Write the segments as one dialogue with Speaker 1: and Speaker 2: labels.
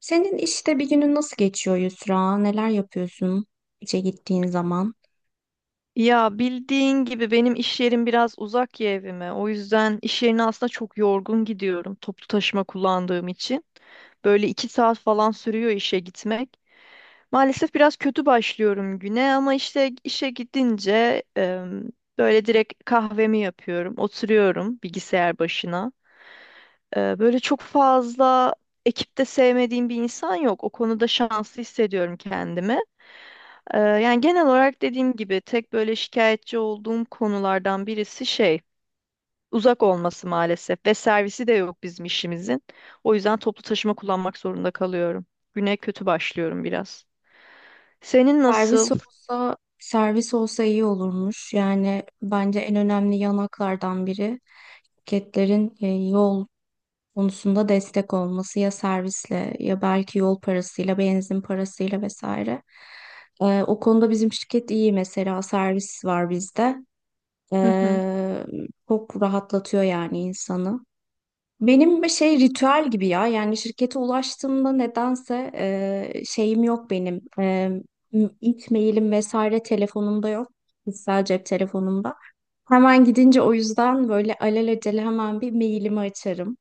Speaker 1: Senin işte bir günün nasıl geçiyor, Yusra? Neler yapıyorsun işe gittiğin zaman?
Speaker 2: Ya bildiğin gibi benim iş yerim biraz uzak ya evime. O yüzden iş yerine aslında çok yorgun gidiyorum toplu taşıma kullandığım için. Böyle iki saat falan sürüyor işe gitmek. Maalesef biraz kötü başlıyorum güne ama işte işe gidince böyle direkt kahvemi yapıyorum. Oturuyorum bilgisayar başına. Böyle çok fazla ekipte sevmediğim bir insan yok. O konuda şanslı hissediyorum kendimi. Yani genel olarak dediğim gibi tek böyle şikayetçi olduğum konulardan birisi şey uzak olması maalesef ve servisi de yok bizim işimizin. O yüzden toplu taşıma kullanmak zorunda kalıyorum. Güne kötü başlıyorum biraz. Senin
Speaker 1: Servis
Speaker 2: nasıl?
Speaker 1: olsa servis olsa iyi olurmuş. Yani bence en önemli yanaklardan biri şirketlerin yol konusunda destek olması, ya servisle ya belki yol parasıyla, benzin parasıyla vesaire. O konuda bizim şirket iyi mesela, servis var bizde.
Speaker 2: Hı hı.
Speaker 1: E, Çok rahatlatıyor yani insanı. Benim bir şey ritüel gibi ya, yani şirkete ulaştığımda nedense şeyim yok benim, ilk mailim vesaire telefonumda yok, kişisel cep telefonumda. Hemen gidince o yüzden böyle alelacele hemen bir mailimi açarım.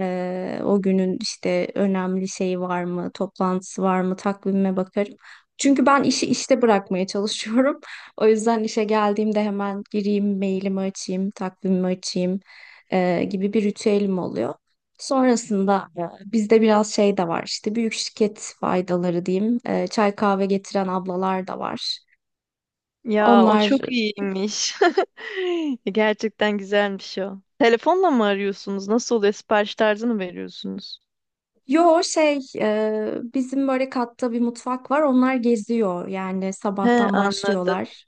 Speaker 1: O günün işte önemli şeyi var mı, toplantısı var mı, takvime bakarım. Çünkü ben işi işte bırakmaya çalışıyorum. O yüzden işe geldiğimde hemen gireyim, mailimi açayım, takvimimi açayım, gibi bir ritüelim oluyor. Sonrasında bizde biraz şey de var, işte büyük şirket faydaları diyeyim. E, çay kahve getiren ablalar da var.
Speaker 2: Ya o
Speaker 1: Onlar.
Speaker 2: çok iyiymiş. Gerçekten güzelmiş o. Telefonla mı arıyorsunuz? Nasıl oluyor? Sipariş tarzı mı veriyorsunuz?
Speaker 1: Yo, şey, bizim böyle katta bir mutfak var, onlar geziyor yani
Speaker 2: He
Speaker 1: sabahtan
Speaker 2: anladım.
Speaker 1: başlıyorlar.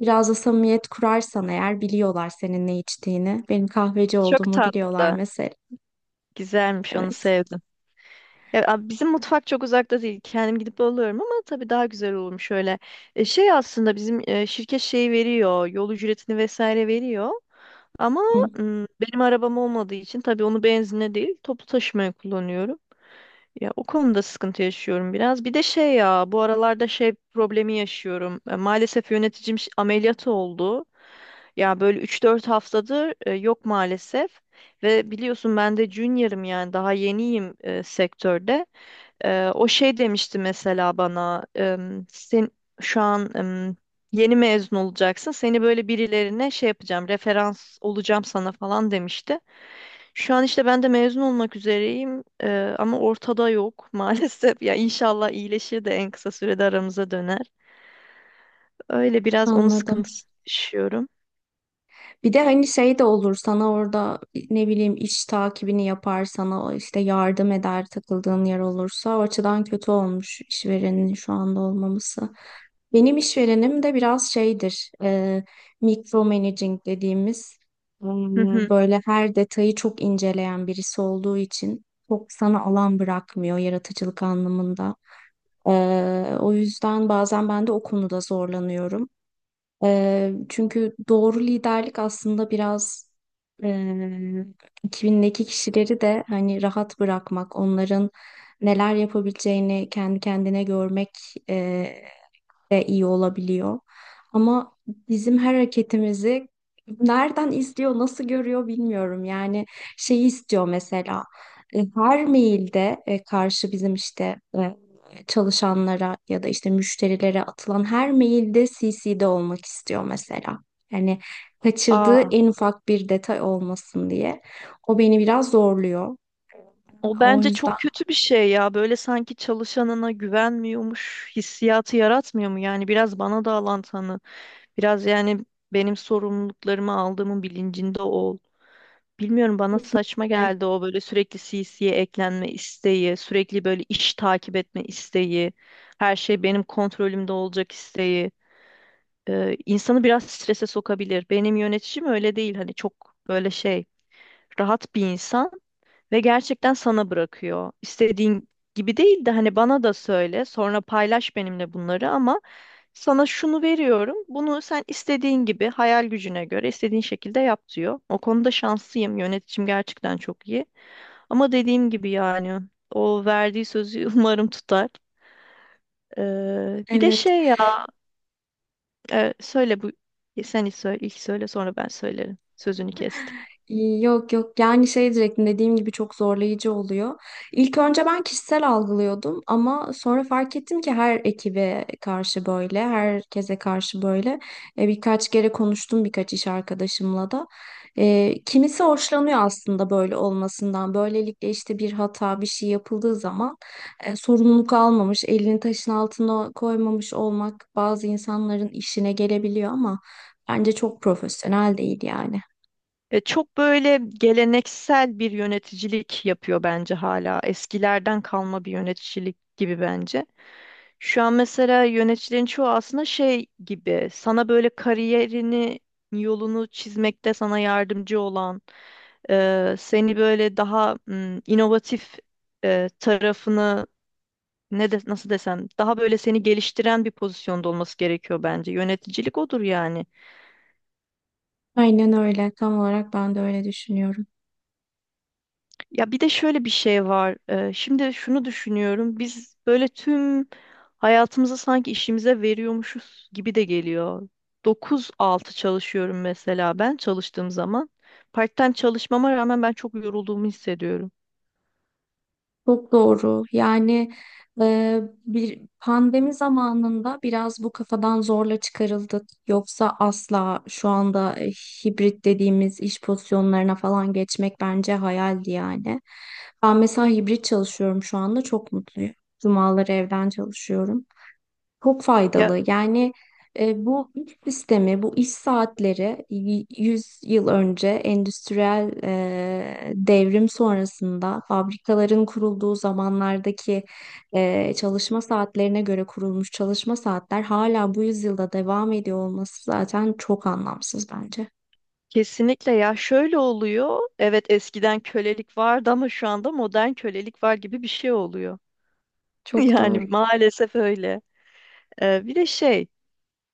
Speaker 1: Biraz da samimiyet kurarsan eğer, biliyorlar senin ne içtiğini. Benim kahveci
Speaker 2: Çok
Speaker 1: olduğumu biliyorlar
Speaker 2: tatlı.
Speaker 1: mesela.
Speaker 2: Güzelmiş onu
Speaker 1: Evet.
Speaker 2: sevdim. Ya, bizim mutfak çok uzakta değil. Kendim gidip alıyorum ama tabii daha güzel olmuş şöyle. Şey aslında bizim şirket şey veriyor. Yol ücretini vesaire veriyor. Ama
Speaker 1: Hı,
Speaker 2: benim arabam olmadığı için tabii onu benzinle değil toplu taşımaya kullanıyorum. Ya o konuda sıkıntı yaşıyorum biraz. Bir de şey ya bu aralarda şey problemi yaşıyorum. Maalesef yöneticim ameliyat oldu. Ya böyle 3-4 haftadır yok maalesef. Ve biliyorsun ben de junior'ım yani daha yeniyim sektörde. O şey demişti mesela bana, sen şu an yeni mezun olacaksın, seni böyle birilerine şey yapacağım, referans olacağım sana falan demişti. Şu an işte ben de mezun olmak üzereyim ama ortada yok maalesef. Ya inşallah iyileşir de en kısa sürede aramıza döner. Öyle biraz onun
Speaker 1: anladım.
Speaker 2: sıkıntısı yaşıyorum.
Speaker 1: Bir de hani şey de olur sana orada, ne bileyim, iş takibini yapar sana, işte yardım eder takıldığın yer olursa. O açıdan kötü olmuş işverenin şu anda olmaması. Benim işverenim de biraz şeydir, micromanaging dediğimiz, e,
Speaker 2: Hı hı.
Speaker 1: böyle her detayı çok inceleyen birisi olduğu için çok sana alan bırakmıyor yaratıcılık anlamında. O yüzden bazen ben de o konuda zorlanıyorum. Çünkü doğru liderlik aslında biraz eee ekibindeki kişileri de hani rahat bırakmak, onların neler yapabileceğini kendi kendine görmek de iyi olabiliyor. Ama bizim her hareketimizi nereden izliyor, nasıl görüyor bilmiyorum. Yani şeyi istiyor mesela, her mailde, karşı bizim işte çalışanlara ya da işte müşterilere atılan her mailde CC'de olmak istiyor mesela. Yani kaçırdığı
Speaker 2: Aa,
Speaker 1: en ufak bir detay olmasın diye. O beni biraz zorluyor.
Speaker 2: o
Speaker 1: O
Speaker 2: bence
Speaker 1: yüzden
Speaker 2: çok kötü bir şey ya. Böyle sanki çalışanına güvenmiyormuş hissiyatı yaratmıyor mu? Yani biraz bana da alan tanı. Biraz yani benim sorumluluklarımı aldığımın bilincinde ol. Bilmiyorum bana saçma
Speaker 1: kesinlikle
Speaker 2: geldi o böyle sürekli CC'ye eklenme isteği, sürekli böyle iş takip etme isteği, her şey benim kontrolümde olacak isteği. İnsanı biraz strese sokabilir. Benim yöneticim öyle değil hani çok böyle şey rahat bir insan. Ve gerçekten sana bırakıyor. İstediğin gibi değil de hani bana da söyle, sonra paylaş benimle bunları ama sana şunu veriyorum. Bunu sen istediğin gibi hayal gücüne göre istediğin şekilde yap diyor. O konuda şanslıyım. Yöneticim gerçekten çok iyi. Ama dediğim gibi yani o verdiği sözü umarım tutar. Bir de
Speaker 1: evet.
Speaker 2: şey ya söyle bu ilk söyle sonra ben söylerim. Sözünü kestim.
Speaker 1: Yok yok, yani şey diyecektim, dediğim gibi çok zorlayıcı oluyor. İlk önce ben kişisel algılıyordum, ama sonra fark ettim ki her ekibe karşı böyle, herkese karşı böyle. Birkaç kere konuştum birkaç iş arkadaşımla da. Kimisi hoşlanıyor aslında böyle olmasından. Böylelikle işte bir hata bir şey yapıldığı zaman sorumluluk almamış, elini taşın altına koymamış olmak bazı insanların işine gelebiliyor, ama bence çok profesyonel değil yani.
Speaker 2: Çok böyle geleneksel bir yöneticilik yapıyor bence hala. Eskilerden kalma bir yöneticilik gibi bence. Şu an mesela yöneticilerin çoğu aslında şey gibi sana böyle kariyerini yolunu çizmekte sana yardımcı olan seni böyle daha inovatif tarafını nasıl desem daha böyle seni geliştiren bir pozisyonda olması gerekiyor bence. Yöneticilik odur yani.
Speaker 1: Aynen öyle. Tam olarak ben de öyle düşünüyorum.
Speaker 2: Ya bir de şöyle bir şey var. Şimdi şunu düşünüyorum. Biz böyle tüm hayatımızı sanki işimize veriyormuşuz gibi de geliyor. 9-6 çalışıyorum mesela ben çalıştığım zaman. Part-time çalışmama rağmen ben çok yorulduğumu hissediyorum.
Speaker 1: Çok doğru. Yani bir pandemi zamanında biraz bu kafadan zorla çıkarıldık. Yoksa asla şu anda hibrit dediğimiz iş pozisyonlarına falan geçmek bence hayaldi yani. Ben mesela hibrit çalışıyorum şu anda. Çok mutluyum. Cumaları evden çalışıyorum. Çok
Speaker 2: Ya
Speaker 1: faydalı. Yani bu iş sistemi, bu iş saatleri 100 yıl önce endüstriyel devrim sonrasında fabrikaların kurulduğu zamanlardaki çalışma saatlerine göre kurulmuş çalışma saatler hala bu yüzyılda devam ediyor olması zaten çok anlamsız bence.
Speaker 2: kesinlikle ya şöyle oluyor. Evet eskiden kölelik vardı ama şu anda modern kölelik var gibi bir şey oluyor.
Speaker 1: Çok
Speaker 2: Yani
Speaker 1: doğru.
Speaker 2: maalesef öyle. Bir de şey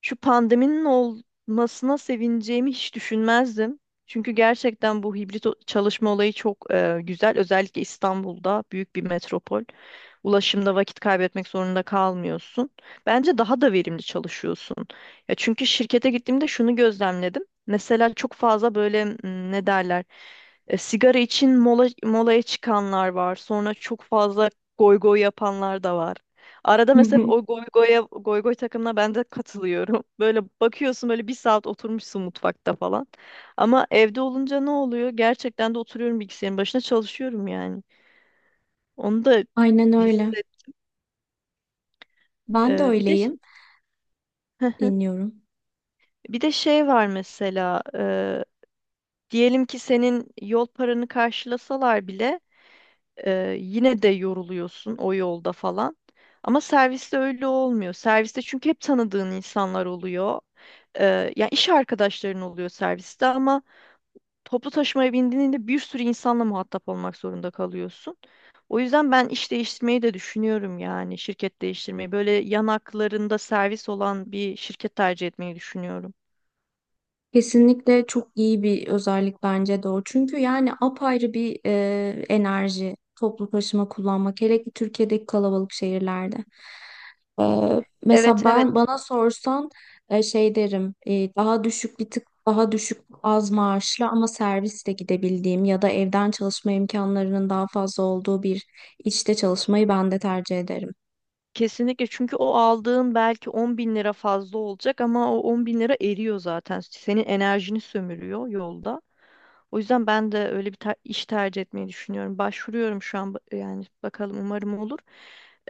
Speaker 2: Şu pandeminin olmasına sevineceğimi hiç düşünmezdim. Çünkü gerçekten bu hibrit çalışma olayı çok güzel. Özellikle İstanbul'da büyük bir metropol. Ulaşımda vakit kaybetmek zorunda kalmıyorsun. Bence daha da verimli çalışıyorsun. Ya çünkü şirkete gittiğimde şunu gözlemledim. Mesela çok fazla böyle ne derler? Sigara için mola, molaya çıkanlar var. Sonra çok fazla goy goy yapanlar da var. Arada mesela o goy goya, goy goy takımına ben de katılıyorum. Böyle bakıyorsun böyle bir saat oturmuşsun mutfakta falan. Ama evde olunca ne oluyor? Gerçekten de oturuyorum bilgisayarın başına çalışıyorum yani. Onu da
Speaker 1: Aynen öyle.
Speaker 2: hisset.
Speaker 1: Ben de
Speaker 2: Bir de
Speaker 1: öyleyim. Dinliyorum.
Speaker 2: Bir de şey var mesela. Diyelim ki senin yol paranı karşılasalar bile yine de yoruluyorsun o yolda falan. Ama serviste öyle olmuyor. Serviste çünkü hep tanıdığın insanlar oluyor. Yani iş arkadaşların oluyor serviste ama toplu taşımaya bindiğinde bir sürü insanla muhatap olmak zorunda kalıyorsun. O yüzden ben iş değiştirmeyi de düşünüyorum yani şirket değiştirmeyi. Böyle yanaklarında servis olan bir şirket tercih etmeyi düşünüyorum.
Speaker 1: Kesinlikle çok iyi bir özellik bence de o. Çünkü yani apayrı bir enerji toplu taşıma kullanmak. Hele ki Türkiye'deki kalabalık şehirlerde. E, Mesela
Speaker 2: Evet evet.
Speaker 1: ben, bana sorsan, şey derim, daha düşük bir tık daha düşük az maaşlı ama servisle gidebildiğim ya da evden çalışma imkanlarının daha fazla olduğu bir işte çalışmayı ben de tercih ederim.
Speaker 2: Kesinlikle çünkü o aldığın belki 10 bin lira fazla olacak ama o 10 bin lira eriyor zaten. Senin enerjini sömürüyor yolda. O yüzden ben de öyle bir iş tercih etmeyi düşünüyorum. Başvuruyorum şu an yani bakalım umarım olur.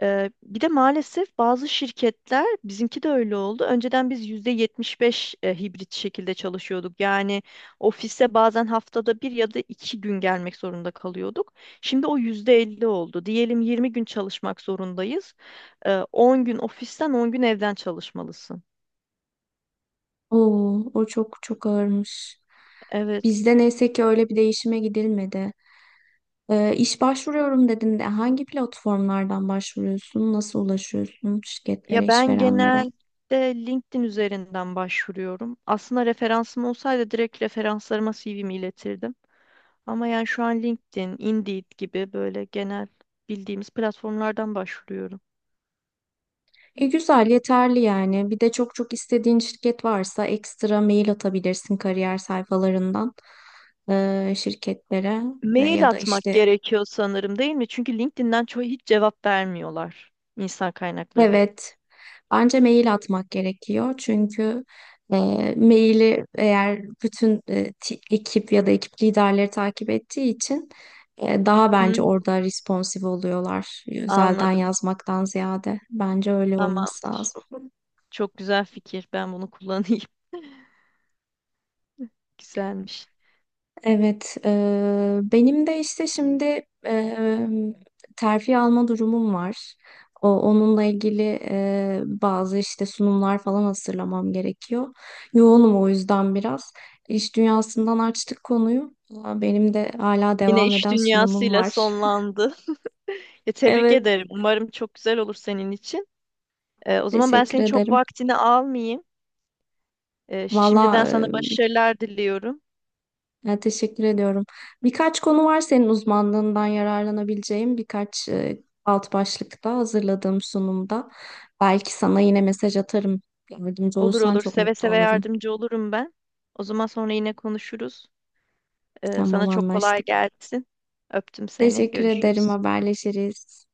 Speaker 2: Bir de maalesef bazı şirketler bizimki de öyle oldu. Önceden biz %75 hibrit şekilde çalışıyorduk. Yani ofise bazen haftada bir ya da iki gün gelmek zorunda kalıyorduk. Şimdi o %50 oldu. Diyelim 20 gün çalışmak zorundayız. 10 gün ofisten 10 gün evden çalışmalısın.
Speaker 1: Oo, o çok çok ağırmış.
Speaker 2: Evet.
Speaker 1: Bizde neyse ki öyle bir değişime gidilmedi. İş başvuruyorum dedin de, hangi platformlardan başvuruyorsun? Nasıl ulaşıyorsun şirketlere,
Speaker 2: Ya ben
Speaker 1: işverenlere?
Speaker 2: genelde LinkedIn üzerinden başvuruyorum. Aslında referansım olsaydı direkt referanslarıma CV'mi iletirdim. Ama yani şu an LinkedIn, Indeed gibi böyle genel bildiğimiz platformlardan başvuruyorum.
Speaker 1: E, güzel, yeterli yani. Bir de çok çok istediğin şirket varsa ekstra mail atabilirsin kariyer sayfalarından şirketlere ve
Speaker 2: Mail
Speaker 1: ya da
Speaker 2: atmak
Speaker 1: işte,
Speaker 2: gerekiyor sanırım değil mi? Çünkü LinkedIn'den çoğu hiç cevap vermiyorlar insan kaynakları.
Speaker 1: evet, bence mail atmak gerekiyor. Çünkü e, maili eğer bütün ekip ya da ekip liderleri takip ettiği için daha bence
Speaker 2: Hmm,
Speaker 1: orada responsif oluyorlar, özelden
Speaker 2: anladım.
Speaker 1: yazmaktan ziyade. Bence öyle olması
Speaker 2: Tamamdır.
Speaker 1: lazım.
Speaker 2: Çok güzel fikir. Ben bunu kullanayım. Güzelmiş.
Speaker 1: Evet, benim de işte şimdi eee, terfi alma durumum var. Onunla ilgili bazı işte sunumlar falan hazırlamam gerekiyor. Yoğunum o yüzden biraz. İş dünyasından açtık konuyu. Aa, benim de hala
Speaker 2: Yine
Speaker 1: devam
Speaker 2: iş
Speaker 1: eden sunumum
Speaker 2: dünyasıyla
Speaker 1: var.
Speaker 2: sonlandı. Ya, tebrik
Speaker 1: Evet,
Speaker 2: ederim. Umarım çok güzel olur senin için. O zaman ben
Speaker 1: teşekkür
Speaker 2: senin çok
Speaker 1: ederim.
Speaker 2: vaktini almayayım. Şimdiden
Speaker 1: Valla,
Speaker 2: sana başarılar diliyorum.
Speaker 1: ya, teşekkür ediyorum. Birkaç konu var senin uzmanlığından yararlanabileceğim, birkaç alt başlıkta hazırladığım sunumda. Belki sana yine mesaj atarım. Yardımcı
Speaker 2: Olur
Speaker 1: olursan
Speaker 2: olur.
Speaker 1: çok
Speaker 2: Seve
Speaker 1: mutlu
Speaker 2: seve
Speaker 1: olurum.
Speaker 2: yardımcı olurum ben. O zaman sonra yine konuşuruz.
Speaker 1: Tamam,
Speaker 2: Sana çok kolay
Speaker 1: anlaştık.
Speaker 2: gelsin. Öptüm seni.
Speaker 1: Teşekkür ederim.
Speaker 2: Görüşürüz.
Speaker 1: Haberleşiriz.